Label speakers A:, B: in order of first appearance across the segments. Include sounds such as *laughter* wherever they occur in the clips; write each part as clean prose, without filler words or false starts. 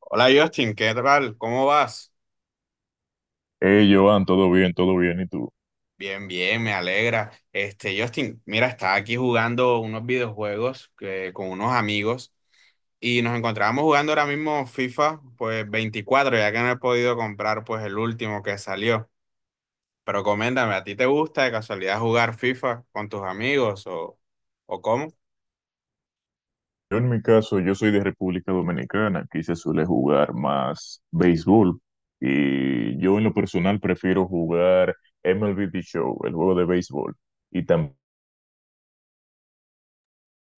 A: Hola Justin, ¿qué tal? ¿Cómo vas?
B: Hey, Joan, todo bien, todo bien. ¿Y tú?
A: Bien, bien, me alegra. Este, Justin, mira, estaba aquí jugando unos videojuegos con unos amigos y nos encontrábamos jugando ahora mismo FIFA, pues 24, ya que no he podido comprar pues el último que salió. Pero coméntame, ¿a ti te gusta de casualidad jugar FIFA con tus amigos o cómo?
B: Yo en mi caso, yo soy de República Dominicana, aquí se suele jugar más béisbol y yo en lo personal prefiero jugar MLB The Show, el juego de béisbol, y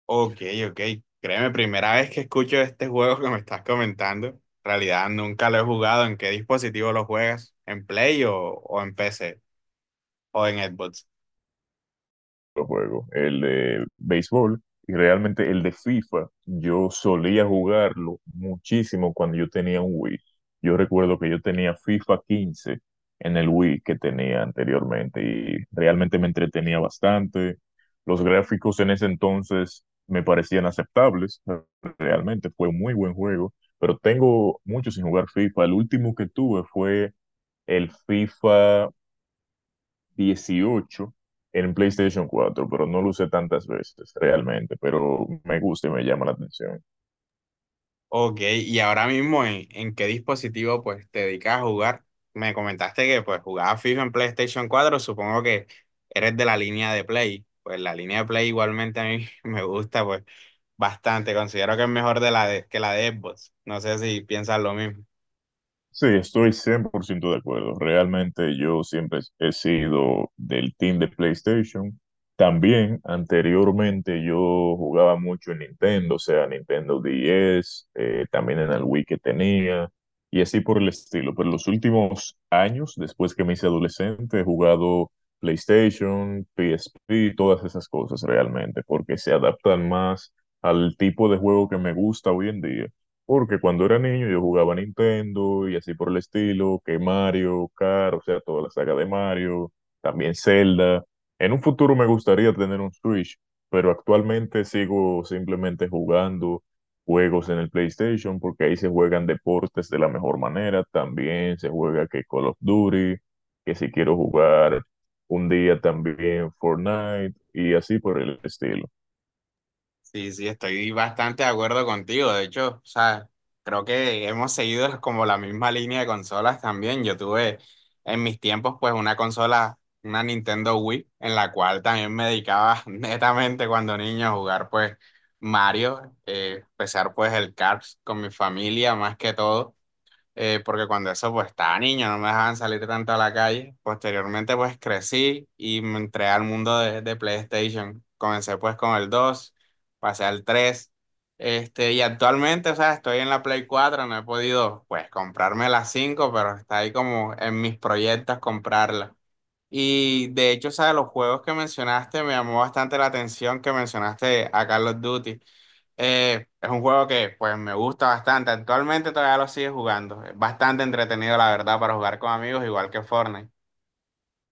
A: Ok, ok. Créeme, primera vez que escucho este juego que me estás comentando. En realidad nunca lo he jugado. ¿En qué dispositivo lo juegas? ¿En Play o en PC o en Xbox?
B: juego, el de béisbol, y realmente el de FIFA, yo solía jugarlo muchísimo cuando yo tenía un Wii. Yo recuerdo que yo tenía FIFA 15 en el Wii que tenía anteriormente y realmente me entretenía bastante. Los gráficos en ese entonces me parecían aceptables, realmente fue un muy buen juego, pero tengo mucho sin jugar FIFA. El último que tuve fue el FIFA 18 en PlayStation cuatro, pero no lo usé tantas veces realmente, pero me gusta y me llama la atención.
A: Ok, y ahora mismo ¿en qué dispositivo pues te dedicas a jugar? Me comentaste que pues jugabas FIFA en PlayStation 4. Supongo que eres de la línea de Play. Pues la línea de Play igualmente a mí *laughs* me gusta pues bastante. Considero que es mejor que la de Xbox. No sé si piensas lo mismo.
B: Sí, estoy 100% de acuerdo. Realmente yo siempre he sido del team de PlayStation. También anteriormente yo jugaba mucho en Nintendo, o sea, Nintendo 10, también en el Wii que tenía y así por el estilo. Pero los últimos años, después que me hice adolescente, he jugado PlayStation, PSP, todas esas cosas realmente, porque se adaptan más al tipo de juego que me gusta hoy en día. Porque cuando era niño yo jugaba Nintendo y así por el estilo, que Mario, Kart, o sea, toda la saga de Mario, también Zelda. En un futuro me gustaría tener un Switch, pero actualmente sigo simplemente jugando juegos en el PlayStation porque ahí se juegan deportes de la mejor manera. También se juega que Call of Duty, que si quiero jugar un día también Fortnite y así por el estilo.
A: Sí, sí, estoy bastante de acuerdo contigo. De hecho, o sea, creo que hemos seguido como la misma línea de consolas también. Yo tuve en mis tiempos pues una consola, una Nintendo Wii, en la cual también me dedicaba *laughs* netamente cuando niño a jugar pues Mario, empezar pues el Cars con mi familia más que todo porque cuando eso pues estaba niño, no me dejaban salir tanto a la calle. Posteriormente pues crecí y me entré al mundo de PlayStation. Comencé pues con el dos, pasé al tres. Este, y actualmente, o sea, estoy en la Play cuatro, no he podido pues comprarme la cinco, pero está ahí como en mis proyectos comprarla. Y de hecho, ¿sabes? Los juegos que mencionaste, me llamó bastante la atención que mencionaste a Call of Duty. Es un juego que pues me gusta bastante. Actualmente todavía lo sigue jugando. Es bastante entretenido, la verdad, para jugar con amigos, igual que Fortnite.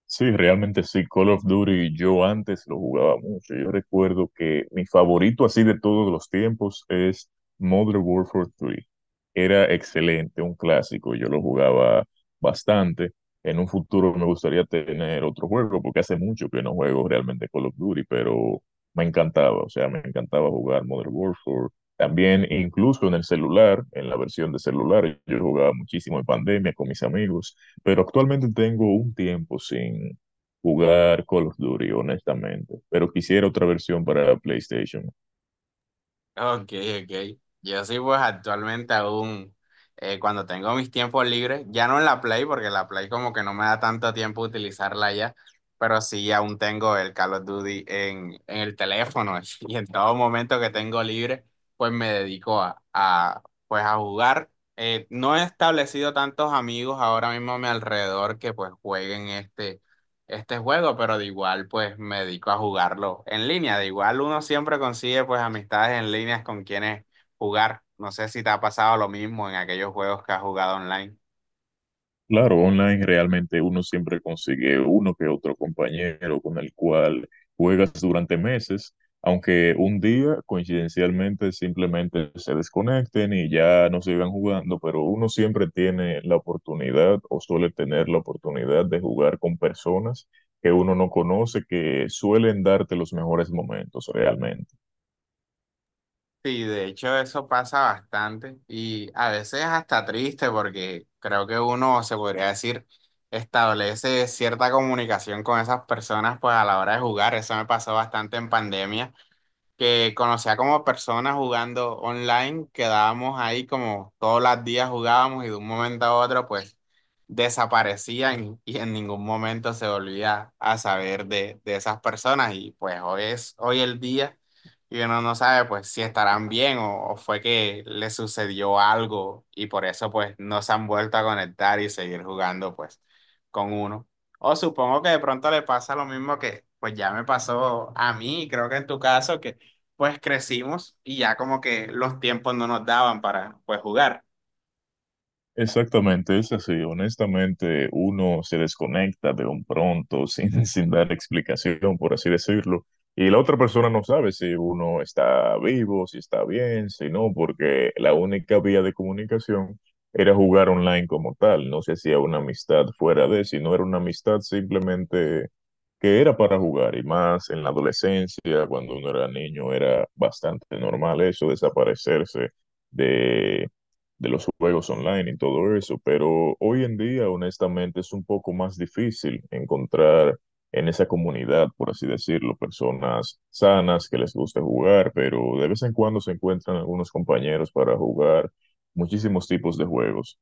B: Sí, realmente sí, Call of Duty yo antes lo jugaba mucho. Yo recuerdo que mi favorito así de todos los tiempos es Modern Warfare 3. Era excelente, un clásico, yo lo jugaba bastante. En un futuro me gustaría tener otro juego, porque hace mucho que no juego realmente Call of Duty, pero me encantaba, o sea, me encantaba jugar Modern Warfare. También incluso en el celular, en la versión de celular, yo jugaba muchísimo en pandemia con mis amigos, pero actualmente tengo un tiempo sin jugar Call of Duty, honestamente. Pero quisiera otra versión para PlayStation.
A: Ok, ok. Yo sí, pues actualmente aún, cuando tengo mis tiempos libres, ya no en la Play, porque la Play como que no me da tanto tiempo utilizarla ya, pero sí aún tengo el Call of Duty en el teléfono *laughs* y en todo momento que tengo libre, pues me dedico pues a jugar. No he establecido tantos amigos ahora mismo a mi alrededor que pues jueguen este juego, pero de igual pues me dedico a jugarlo en línea. De igual uno siempre consigue pues amistades en líneas con quienes jugar. No sé si te ha pasado lo mismo en aquellos juegos que has jugado online.
B: Claro, online realmente uno siempre consigue uno que otro compañero con el cual juegas durante meses, aunque un día coincidencialmente simplemente se desconecten y ya no sigan jugando, pero uno siempre tiene la oportunidad o suele tener la oportunidad de jugar con personas que uno no conoce, que suelen darte los mejores momentos realmente.
A: Sí, de hecho eso pasa bastante y a veces hasta triste porque creo que uno se podría decir establece cierta comunicación con esas personas pues a la hora de jugar. Eso me pasó bastante en pandemia, que conocía como personas jugando online, quedábamos ahí como todos los días jugábamos y de un momento a otro pues desaparecían y en ningún momento se volvía a saber de esas personas, y pues hoy es hoy el día y uno no sabe pues si estarán bien o fue que le sucedió algo y por eso pues no se han vuelto a conectar y seguir jugando pues con uno. O supongo que de pronto le pasa lo mismo que pues ya me pasó a mí, y creo que en tu caso que pues crecimos y ya como que los tiempos no nos daban para pues jugar.
B: Exactamente, es así. Honestamente, uno se desconecta de un pronto sin, *laughs* sin dar explicación, por así decirlo, y la otra persona no sabe si uno está vivo, si está bien, si no, porque la única vía de comunicación era jugar online como tal. No se hacía una amistad fuera de, si no era una amistad simplemente que era para jugar, y más en la adolescencia, cuando uno era niño, era bastante normal eso, desaparecerse de de los juegos online y todo eso, pero hoy en día, honestamente, es un poco más difícil encontrar en esa comunidad, por así decirlo, personas sanas que les guste jugar, pero de vez en cuando se encuentran algunos compañeros para jugar muchísimos tipos de juegos.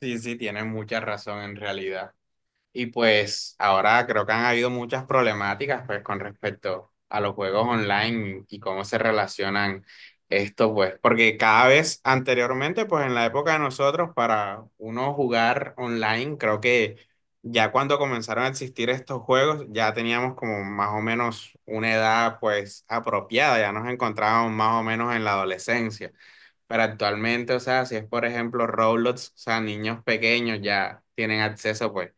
A: Sí, sí, tienes mucha razón en realidad. Y pues ahora creo que han habido muchas problemáticas pues con respecto a los juegos online y cómo se relacionan estos pues, porque cada vez anteriormente pues en la época de nosotros para uno jugar online, creo que ya cuando comenzaron a existir estos juegos ya teníamos como más o menos una edad pues apropiada, ya nos encontrábamos más o menos en la adolescencia. Pero actualmente, o sea, si es por ejemplo Roblox, o sea, niños pequeños ya tienen acceso pues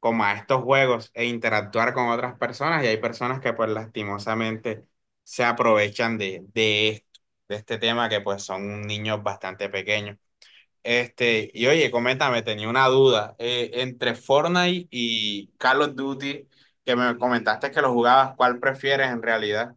A: como a estos juegos e interactuar con otras personas, y hay personas que pues lastimosamente se aprovechan de esto, de este tema que pues son niños bastante pequeños. Este, y oye, coméntame, tenía una duda. Eh, entre Fortnite y Call of Duty, que me comentaste que lo jugabas, ¿cuál prefieres en realidad?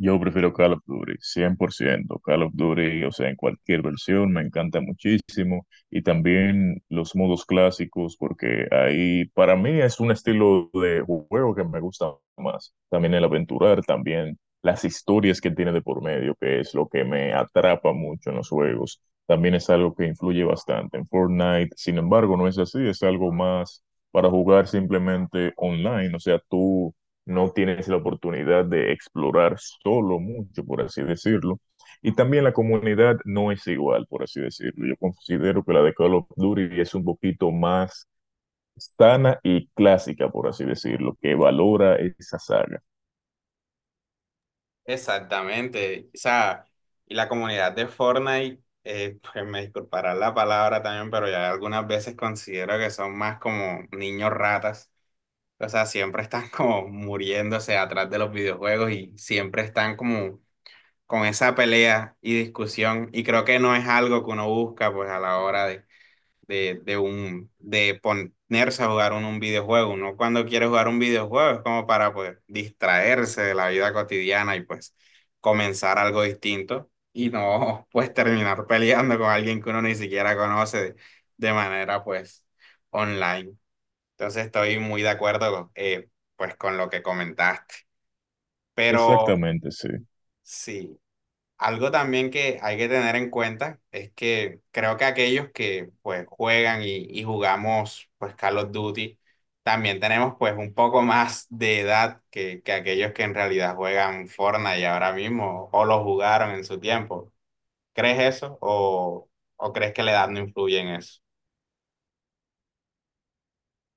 B: Yo prefiero Call of Duty, 100% Call of Duty, o sea, en cualquier versión, me encanta muchísimo. Y también los modos clásicos, porque ahí para mí es un estilo de juego que me gusta más. También el aventurar, también las historias que tiene de por medio, que es lo que me atrapa mucho en los juegos. También es algo que influye bastante en Fortnite. Sin embargo, no es así, es algo más para jugar simplemente online. O sea, tú no tienes la oportunidad de explorar solo mucho, por así decirlo. Y también la comunidad no es igual, por así decirlo. Yo considero que la de Call of Duty es un poquito más sana y clásica, por así decirlo, que valora esa saga.
A: Exactamente, o sea, y la comunidad de Fortnite, pues me disculpará la palabra también, pero ya algunas veces considero que son más como niños ratas. O sea, siempre están como muriéndose atrás de los videojuegos y siempre están como con esa pelea y discusión. Y creo que no es algo que uno busca pues a la hora de ponerse a jugar un videojuego. Uno cuando quiere jugar un videojuego es como para pues distraerse de la vida cotidiana y pues comenzar algo distinto y no *laughs* pues terminar peleando con alguien que uno ni siquiera conoce de manera pues online. Entonces estoy muy de acuerdo, pues con lo que comentaste. Pero
B: Exactamente, sí.
A: sí, algo también que hay que tener en cuenta es que creo que aquellos que pues juegan y jugamos pues Call of Duty, también tenemos pues un poco más de edad que aquellos que en realidad juegan Fortnite ahora mismo o lo jugaron en su tiempo. ¿Crees eso o crees que la edad no influye en eso?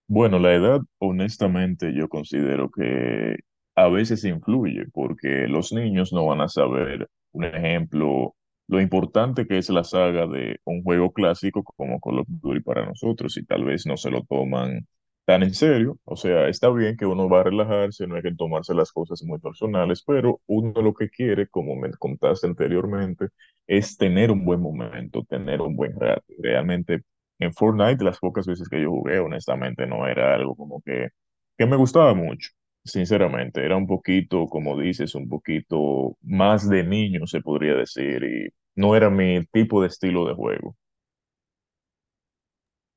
B: Bueno, la edad, honestamente, yo considero que a veces influye, porque los niños no van a saber, un ejemplo, lo importante que es la saga de un juego clásico como Call of Duty para nosotros, y tal vez no se lo toman tan en serio. O sea, está bien que uno va a relajarse, no hay que tomarse las cosas muy personales, pero uno lo que quiere, como me contaste anteriormente, es tener un buen momento, tener un buen rato. Realmente en Fortnite, las pocas veces que yo jugué, honestamente, no era algo como que me gustaba mucho, sinceramente. Era un poquito, como dices, un poquito más de niño, se podría decir, y no era mi tipo de estilo de juego.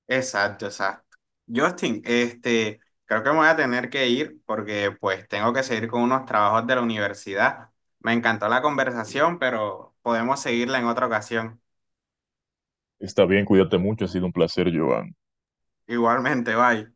A: Exacto, exacto. Justin, este, creo que me voy a tener que ir porque pues tengo que seguir con unos trabajos de la universidad. Me encantó la conversación, pero podemos seguirla en otra ocasión.
B: Está bien, cuídate mucho, ha sido un placer, Joan.
A: Igualmente, bye.